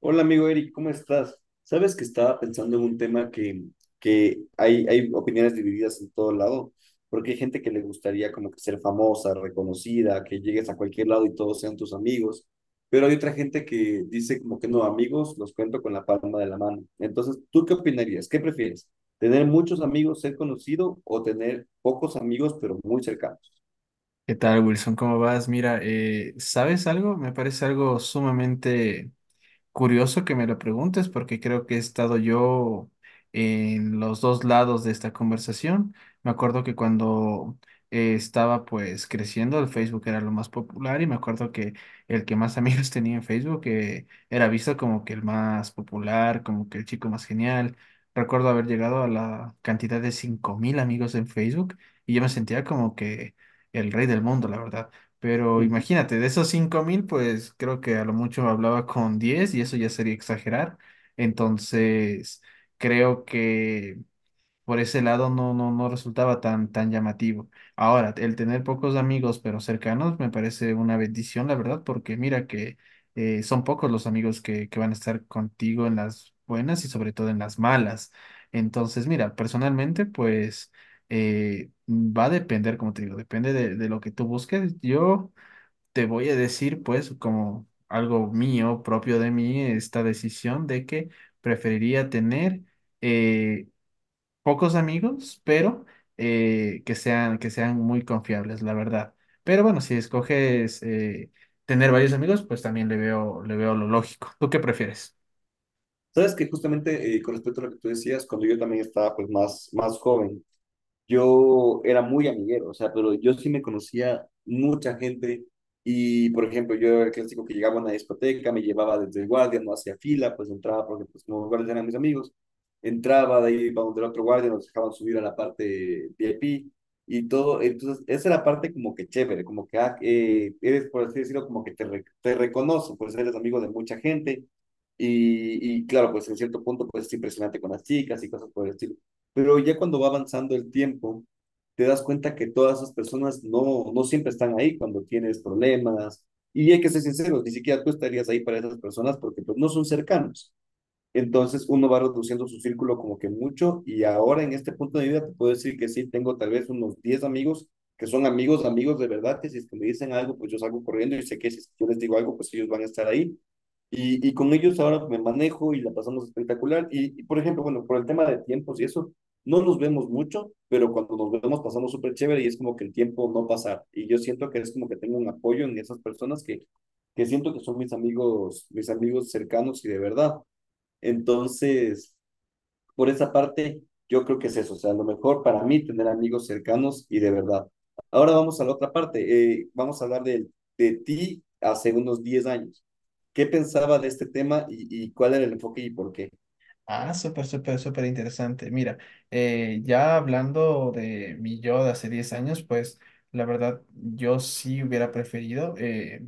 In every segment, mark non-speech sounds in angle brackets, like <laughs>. Hola amigo Eric, ¿cómo estás? Sabes que estaba pensando en un tema que hay opiniones divididas en todo lado, porque hay gente que le gustaría como que ser famosa, reconocida, que llegues a cualquier lado y todos sean tus amigos, pero hay otra gente que dice como que no, amigos los cuento con la palma de la mano. Entonces, ¿tú qué opinarías? ¿Qué prefieres? ¿Tener muchos amigos, ser conocido o tener pocos amigos, pero muy cercanos? ¿Qué tal, Wilson? ¿Cómo vas? Mira, ¿sabes algo? Me parece algo sumamente curioso que me lo preguntes porque creo que he estado yo en los dos lados de esta conversación. Me acuerdo que cuando estaba pues creciendo, el Facebook era lo más popular, y me acuerdo que el que más amigos <laughs> tenía en Facebook era visto como que el más popular, como que el chico más genial. Recuerdo haber llegado a la cantidad de 5.000 amigos en Facebook y yo me sentía como que el rey del mundo, la verdad. Pero <laughs> imagínate, de esos 5.000 pues creo que a lo mucho hablaba con 10 y eso ya sería exagerar. Entonces, creo que por ese lado no resultaba tan llamativo. Ahora, el tener pocos amigos pero cercanos me parece una bendición, la verdad, porque mira que son pocos los amigos que van a estar contigo en las buenas y sobre todo en las malas. Entonces, mira, personalmente, pues va a depender, como te digo, depende de lo que tú busques. Yo te voy a decir, pues, como algo mío, propio de mí, esta decisión de que preferiría tener eh, pocos amigos, pero que sean muy confiables, la verdad. Pero bueno, si escoges tener varios amigos, pues también le veo lo lógico. ¿Tú qué prefieres? Sabes que justamente con respecto a lo que tú decías, cuando yo también estaba pues más, más joven, yo era muy amiguero, o sea, pero yo sí me conocía mucha gente y, por ejemplo, yo era el clásico que llegaba a una discoteca, me llevaba desde el guardia, no hacía fila, pues entraba porque pues como guardias eran mis amigos, entraba de ahí iba donde el otro guardia, nos dejaban subir a la parte VIP y todo, entonces esa es la parte como que chévere, como que ah, eres, por así decirlo, como que te reconocen, pues eres amigo de mucha gente. Y claro, pues en cierto punto, pues es impresionante con las chicas y cosas por el estilo. Pero ya cuando va avanzando el tiempo, te das cuenta que todas esas personas no, no siempre están ahí cuando tienes problemas. Y hay que ser sinceros, ni siquiera tú estarías ahí para esas personas porque pues, no son cercanos. Entonces uno va reduciendo su círculo como que mucho y ahora en este punto de vida te puedo decir que sí, tengo tal vez unos 10 amigos que son amigos, amigos de verdad, que si es que me dicen algo, pues yo salgo corriendo y sé que si yo les digo algo, pues ellos van a estar ahí. Y con ellos ahora me manejo y la pasamos espectacular. Y, por ejemplo, bueno, por el tema de tiempos y eso, no nos vemos mucho, pero cuando nos vemos pasamos súper chévere y es como que el tiempo no pasa. Y yo siento que es como que tengo un apoyo en esas personas que siento que son mis amigos cercanos y de verdad. Entonces, por esa parte, yo creo que es eso. O sea, lo mejor para mí tener amigos cercanos y de verdad. Ahora vamos a la otra parte. Vamos a hablar de ti hace unos 10 años. ¿Qué pensaba de este tema y cuál era el enfoque y por qué? Ah, súper, súper, súper interesante. Mira, ya hablando de mi yo de hace 10 años, pues la verdad yo sí hubiera preferido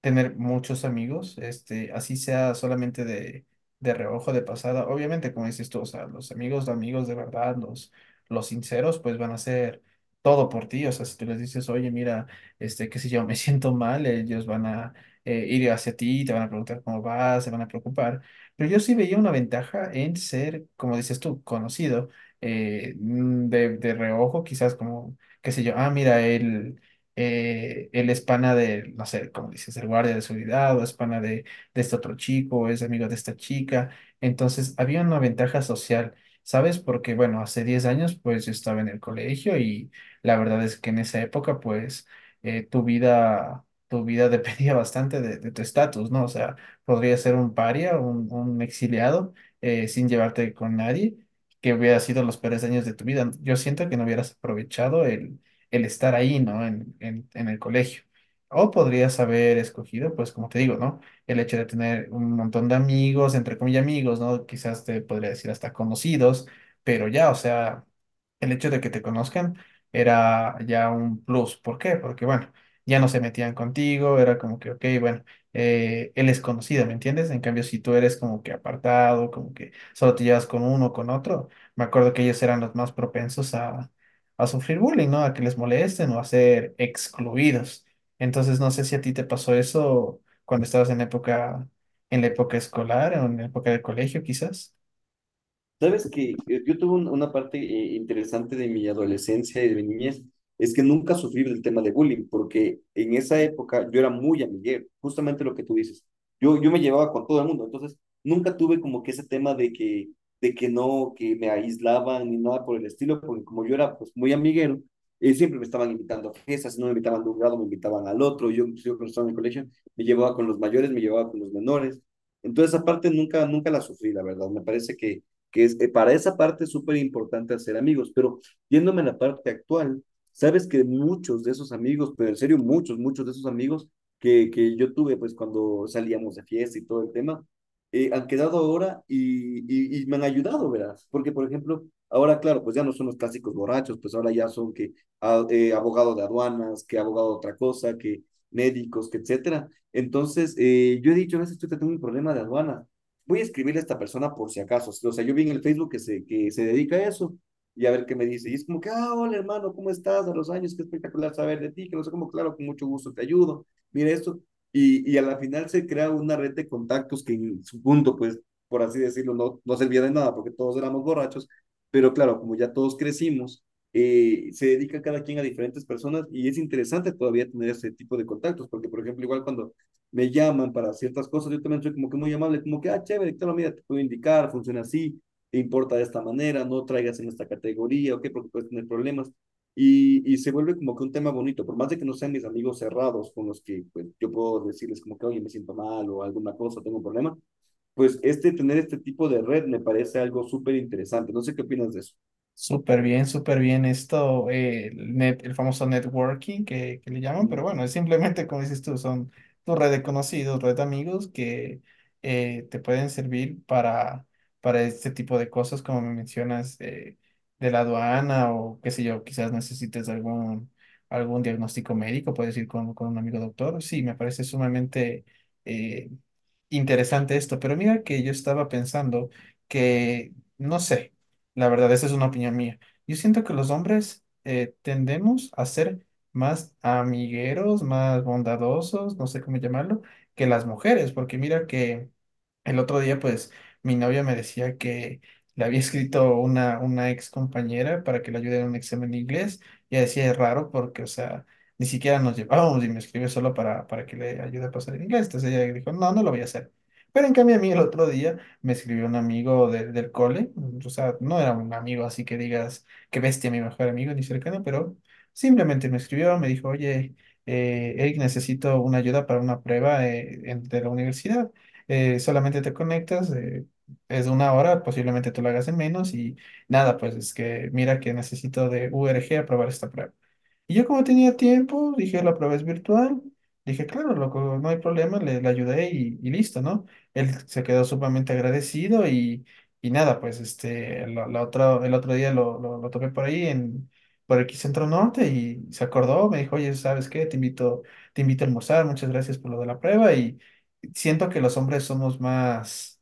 tener muchos amigos, este, así sea solamente de reojo, de pasada. Obviamente, como dices tú, o sea, los amigos de verdad, los sinceros, pues van a hacer todo por ti. O sea, si tú les dices, oye, mira, este, qué sé yo, <laughs> me siento mal, ellos van a ir hacia ti, te van a preguntar cómo vas, se van a preocupar. Pero yo sí veía una ventaja en ser, como dices tú, conocido, de reojo, quizás como, qué sé yo, ah, mira, él es pana de, no sé, como dices, el guardia de seguridad, o es pana de este otro chico, o es amigo de esta chica. Entonces, había una ventaja social, ¿sabes? Porque, bueno, hace 10 años, pues yo estaba en el colegio y la verdad es que en esa época, pues, tu vida <laughs> dependía bastante de tu estatus, ¿no? O sea, podría ser un paria, un exiliado, sin llevarte con nadie, que hubiera sido los peores años de tu vida. Yo siento que no hubieras aprovechado el estar ahí, ¿no? En el colegio. O podrías haber escogido, pues como te digo, ¿no? El hecho de tener un montón de amigos, entre comillas amigos, ¿no? Quizás te podría decir hasta conocidos, pero ya, o sea, el hecho de que te conozcan era ya un plus. ¿Por qué? Porque, bueno, ya no se metían contigo, era como que, ok, bueno, él es conocido, ¿me entiendes? En cambio, si tú eres como que apartado, como que solo te llevas con uno o con otro, me acuerdo que ellos eran los más propensos a sufrir bullying, ¿no? A que les molesten o a ser excluidos. Entonces, no sé si a ti te pasó eso cuando estabas en época, en la época escolar o en la época de colegio, quizás. Sabes que yo tuve una parte interesante de mi adolescencia y de mi niñez, es que nunca sufrí del tema de bullying, porque en esa época yo era muy amiguero, justamente lo que tú dices. Yo me llevaba con todo el mundo, entonces nunca tuve como que ese tema de que no, que me aislaban ni nada por el estilo, porque como yo era pues muy amiguero, siempre me estaban invitando a fiestas, si no me invitaban de un grado, me invitaban al otro, yo, pues, yo cuando estaba en el colegio, me llevaba con los mayores, me llevaba con los menores. Entonces, aparte, nunca, nunca la sufrí, la verdad. Me parece que es, para esa parte es súper importante hacer amigos, pero yéndome a la parte actual, sabes que muchos de esos amigos, pero en serio muchos, muchos de esos amigos que yo tuve pues cuando salíamos de fiesta y todo el tema, han quedado ahora y me han ayudado, verás, porque por ejemplo, ahora claro, pues ya no son los clásicos borrachos, pues ahora ya son que abogado de aduanas, que abogado de otra cosa, que médicos, que etcétera. Entonces, yo he dicho, a veces estoy teniendo un problema de aduanas voy a escribirle a esta persona por si acaso. O sea, yo vi en el Facebook que se dedica a eso y a ver qué me dice. Y es como que, ah, hola hermano, ¿cómo estás? A los años, qué espectacular saber de ti, que no sé cómo, claro, con mucho gusto te ayudo. Mira esto. Y a la final se crea una red de contactos que en su punto, pues, por así decirlo, no, no servía de nada porque todos éramos borrachos. Pero claro, como ya todos crecimos, se dedica cada quien a diferentes personas y es interesante todavía tener ese tipo de contactos, porque por ejemplo, igual cuando me llaman para ciertas cosas, yo también soy como que muy amable, como que, ah, chévere, claro, mira, te puedo indicar, funciona así, te importa de esta manera, no traigas en esta categoría, ok, porque puedes tener problemas. Y se vuelve como que un tema bonito, por más de que no sean mis amigos cerrados con los que pues, yo puedo decirles como que, oye, me siento mal o alguna cosa, tengo un problema, pues este, tener este tipo de red me parece algo súper interesante. No sé qué opinas de eso. Súper bien esto, el famoso networking que le llaman, pero bueno, es simplemente como dices tú, son tu red de conocidos, red de amigos que te pueden servir para este tipo de cosas, como me mencionas, de la aduana o qué sé yo, quizás necesites algún diagnóstico médico, puedes ir con un amigo doctor. Sí, me parece sumamente eh, interesante esto, pero mira que yo estaba pensando que, no sé. La verdad, esa es una opinión mía. Yo siento que los hombres tendemos a ser más amigueros, más bondadosos, no sé cómo llamarlo, que las mujeres, porque mira que el otro día, pues, mi novia me decía que le había escrito una ex compañera para que le ayude en un examen de inglés. Y ella decía, es raro porque, o sea, ni siquiera nos llevábamos y me escribió solo para que le ayude a pasar el inglés. Entonces ella dijo, no, no lo voy a hacer. Pero en cambio a mí el otro día me escribió un amigo del cole. O sea, no era un amigo así que digas, qué bestia, mi mejor amigo, ni cercano, pero simplemente me escribió, me dijo, oye, Eric, necesito una ayuda para una prueba de la universidad, solamente te conectas, es una hora, posiblemente tú lo hagas en menos y nada, pues es que mira que necesito de URG aprobar esta prueba. Y yo como tenía tiempo, dije, la prueba es virtual. Dije, claro, loco, no hay problema, le ayudé y listo, ¿no? Él se quedó sumamente agradecido y nada, pues este, el otro día lo topé por ahí por aquí Centro Norte, y se acordó, me dijo, oye, ¿sabes qué? Te invito a almorzar, muchas gracias por lo de la prueba. Y siento que los hombres somos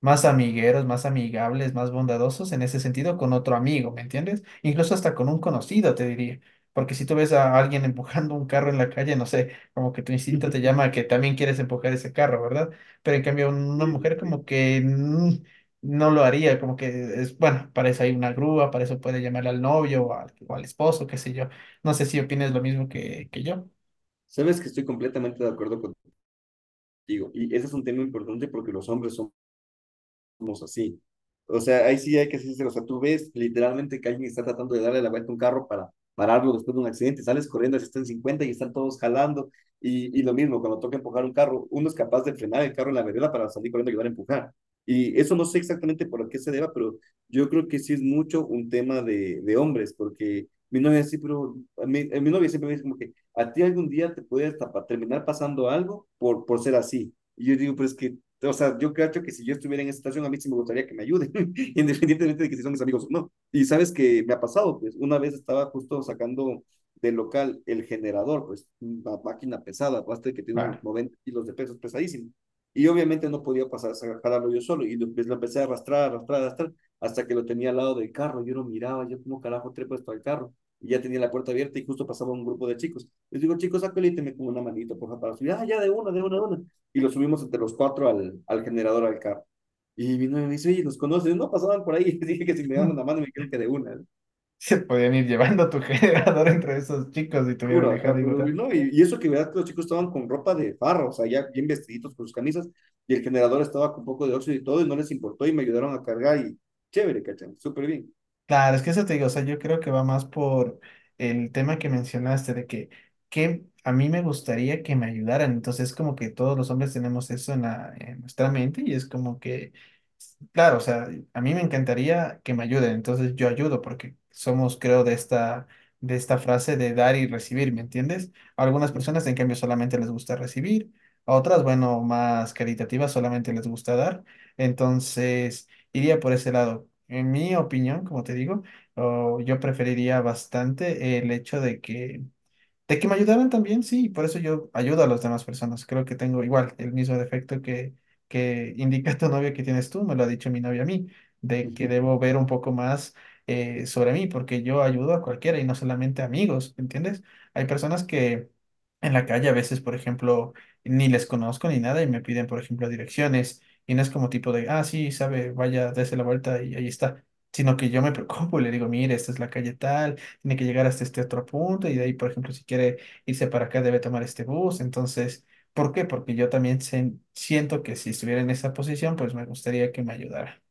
más amigueros, más amigables, más bondadosos en ese sentido con otro amigo, ¿me entiendes? Incluso hasta con un conocido, te diría. Porque si tú ves a alguien <laughs> empujando un carro en la calle, no sé, como que tu instinto te llama a <laughs> que también quieres empujar ese carro, ¿verdad? Pero en cambio una Sí, mujer sí. como que no lo haría, como que es, bueno, para eso hay una grúa, para eso puede llamar al novio o al esposo, qué sé yo. No sé si opinas lo mismo que yo. Sabes que estoy completamente de acuerdo contigo y ese es un tema importante porque los hombres son somos así. O sea, ahí sí hay que ser sincero. O sea, tú ves literalmente que alguien está tratando de darle la vuelta a un carro para pararlo después de un accidente, sales corriendo, así están 50 y están todos jalando, y lo mismo, cuando toca empujar un carro, uno es capaz de frenar el carro en la vereda para salir corriendo y ayudar a empujar. Y eso no sé exactamente por qué se deba, pero yo creo que sí es mucho un tema de hombres, porque mi novia sí, pero a mi novia siempre me dice como que a ti algún día te puede hasta terminar pasando algo por ser así. Y yo digo, pero es que o sea, yo creo que si yo estuviera en esa situación, a mí sí me gustaría que me ayuden, <laughs> independientemente de que si son mis amigos o no. Y sabes que me ha pasado, pues una vez estaba justo sacando del local el generador, pues una máquina pesada, basta que tiene Ah, unos 90 kilos de pesos pesadísimo. Y obviamente no podía pasar, jalarlo yo solo. Y lo, pues, lo empecé a arrastrar, arrastrar, arrastrar, hasta que lo tenía al lado del carro. Yo lo miraba, yo como carajo trepo esto al carro. Y ya tenía la puerta abierta y justo pasaba un grupo de chicos. Les digo, chicos, saco y me como una manito, por favor, para subir. Ah, ya, de una, de una, de una y lo subimos entre los cuatro al generador, al carro. Y mi novia me dice, oye, ¿nos conoces? No, pasaban por ahí. <laughs> Y dije que si me daban una <laughs> mano, me dijeron que de una. ¿No? se podían ir llevando tu <laughs> generador entre esos chicos y te hubieran Juro, dejado. acá, Y pero no. Y eso que verdad que los chicos estaban con ropa de farro, o sea, ya bien vestiditos con sus camisas. Y el generador estaba con un poco de óxido y todo, y no les importó. Y me ayudaron a cargar. Y chévere, ¿cachan? Súper bien. claro, es que eso te digo, o sea, yo creo que va más por el tema que mencionaste de que a mí me gustaría que me ayudaran, entonces como que todos los hombres tenemos eso en nuestra mente, y es como que, claro, o sea, a mí me encantaría que me ayuden, entonces yo ayudo porque somos, creo, de esta frase de dar y recibir, ¿me entiendes? A algunas personas, en cambio, solamente les gusta recibir; a otras, bueno, más caritativas, solamente les gusta dar, entonces iría por ese lado. En mi opinión, como te digo, o yo preferiría bastante el hecho de que me ayudaran también, sí, por eso yo ayudo a las demás personas. Creo que tengo igual el mismo defecto que indica tu novio que tienes tú, me lo ha dicho mi novia a mí, de que debo <laughs> ver un poco más sobre mí, porque yo ayudo a cualquiera y no solamente a amigos, ¿entiendes? Hay personas que en la calle a veces, por ejemplo, ni les conozco ni nada y me piden, por ejemplo, direcciones, y no es como tipo de, ah, sí, sabe, vaya, dése la vuelta y ahí está, sino que yo me preocupo y le digo, mire, esta es la calle tal, tiene que llegar hasta este otro punto, y de ahí, por ejemplo, si quiere irse para acá, debe tomar este bus. Entonces, ¿por qué? Porque yo también siento que si estuviera en esa posición, pues me gustaría que me ayudara.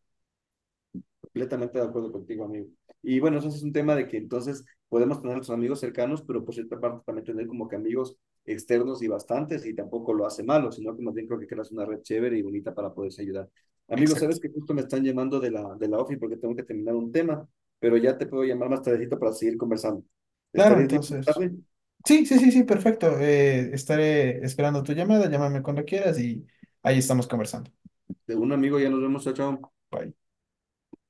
Completamente de acuerdo contigo, amigo. Y bueno, eso es un tema de que entonces podemos tener a nuestros amigos cercanos, pero por cierta parte también tener como que amigos externos y bastantes, y tampoco lo hace malo, sino que más bien creo que creas una red chévere y bonita para poderse ayudar. Amigos, Exacto. sabes que justo me están llamando de la OFI porque tengo que terminar un tema, pero ya te puedo llamar más tardecito para seguir conversando. Claro, ¿Estarías libre más entonces. tarde? Sí, sí, sí, sí, perfecto. Estaré esperando tu llamada, llámame cuando quieras y ahí estamos conversando. De un amigo, ya nos vemos, chao, chao. Bye.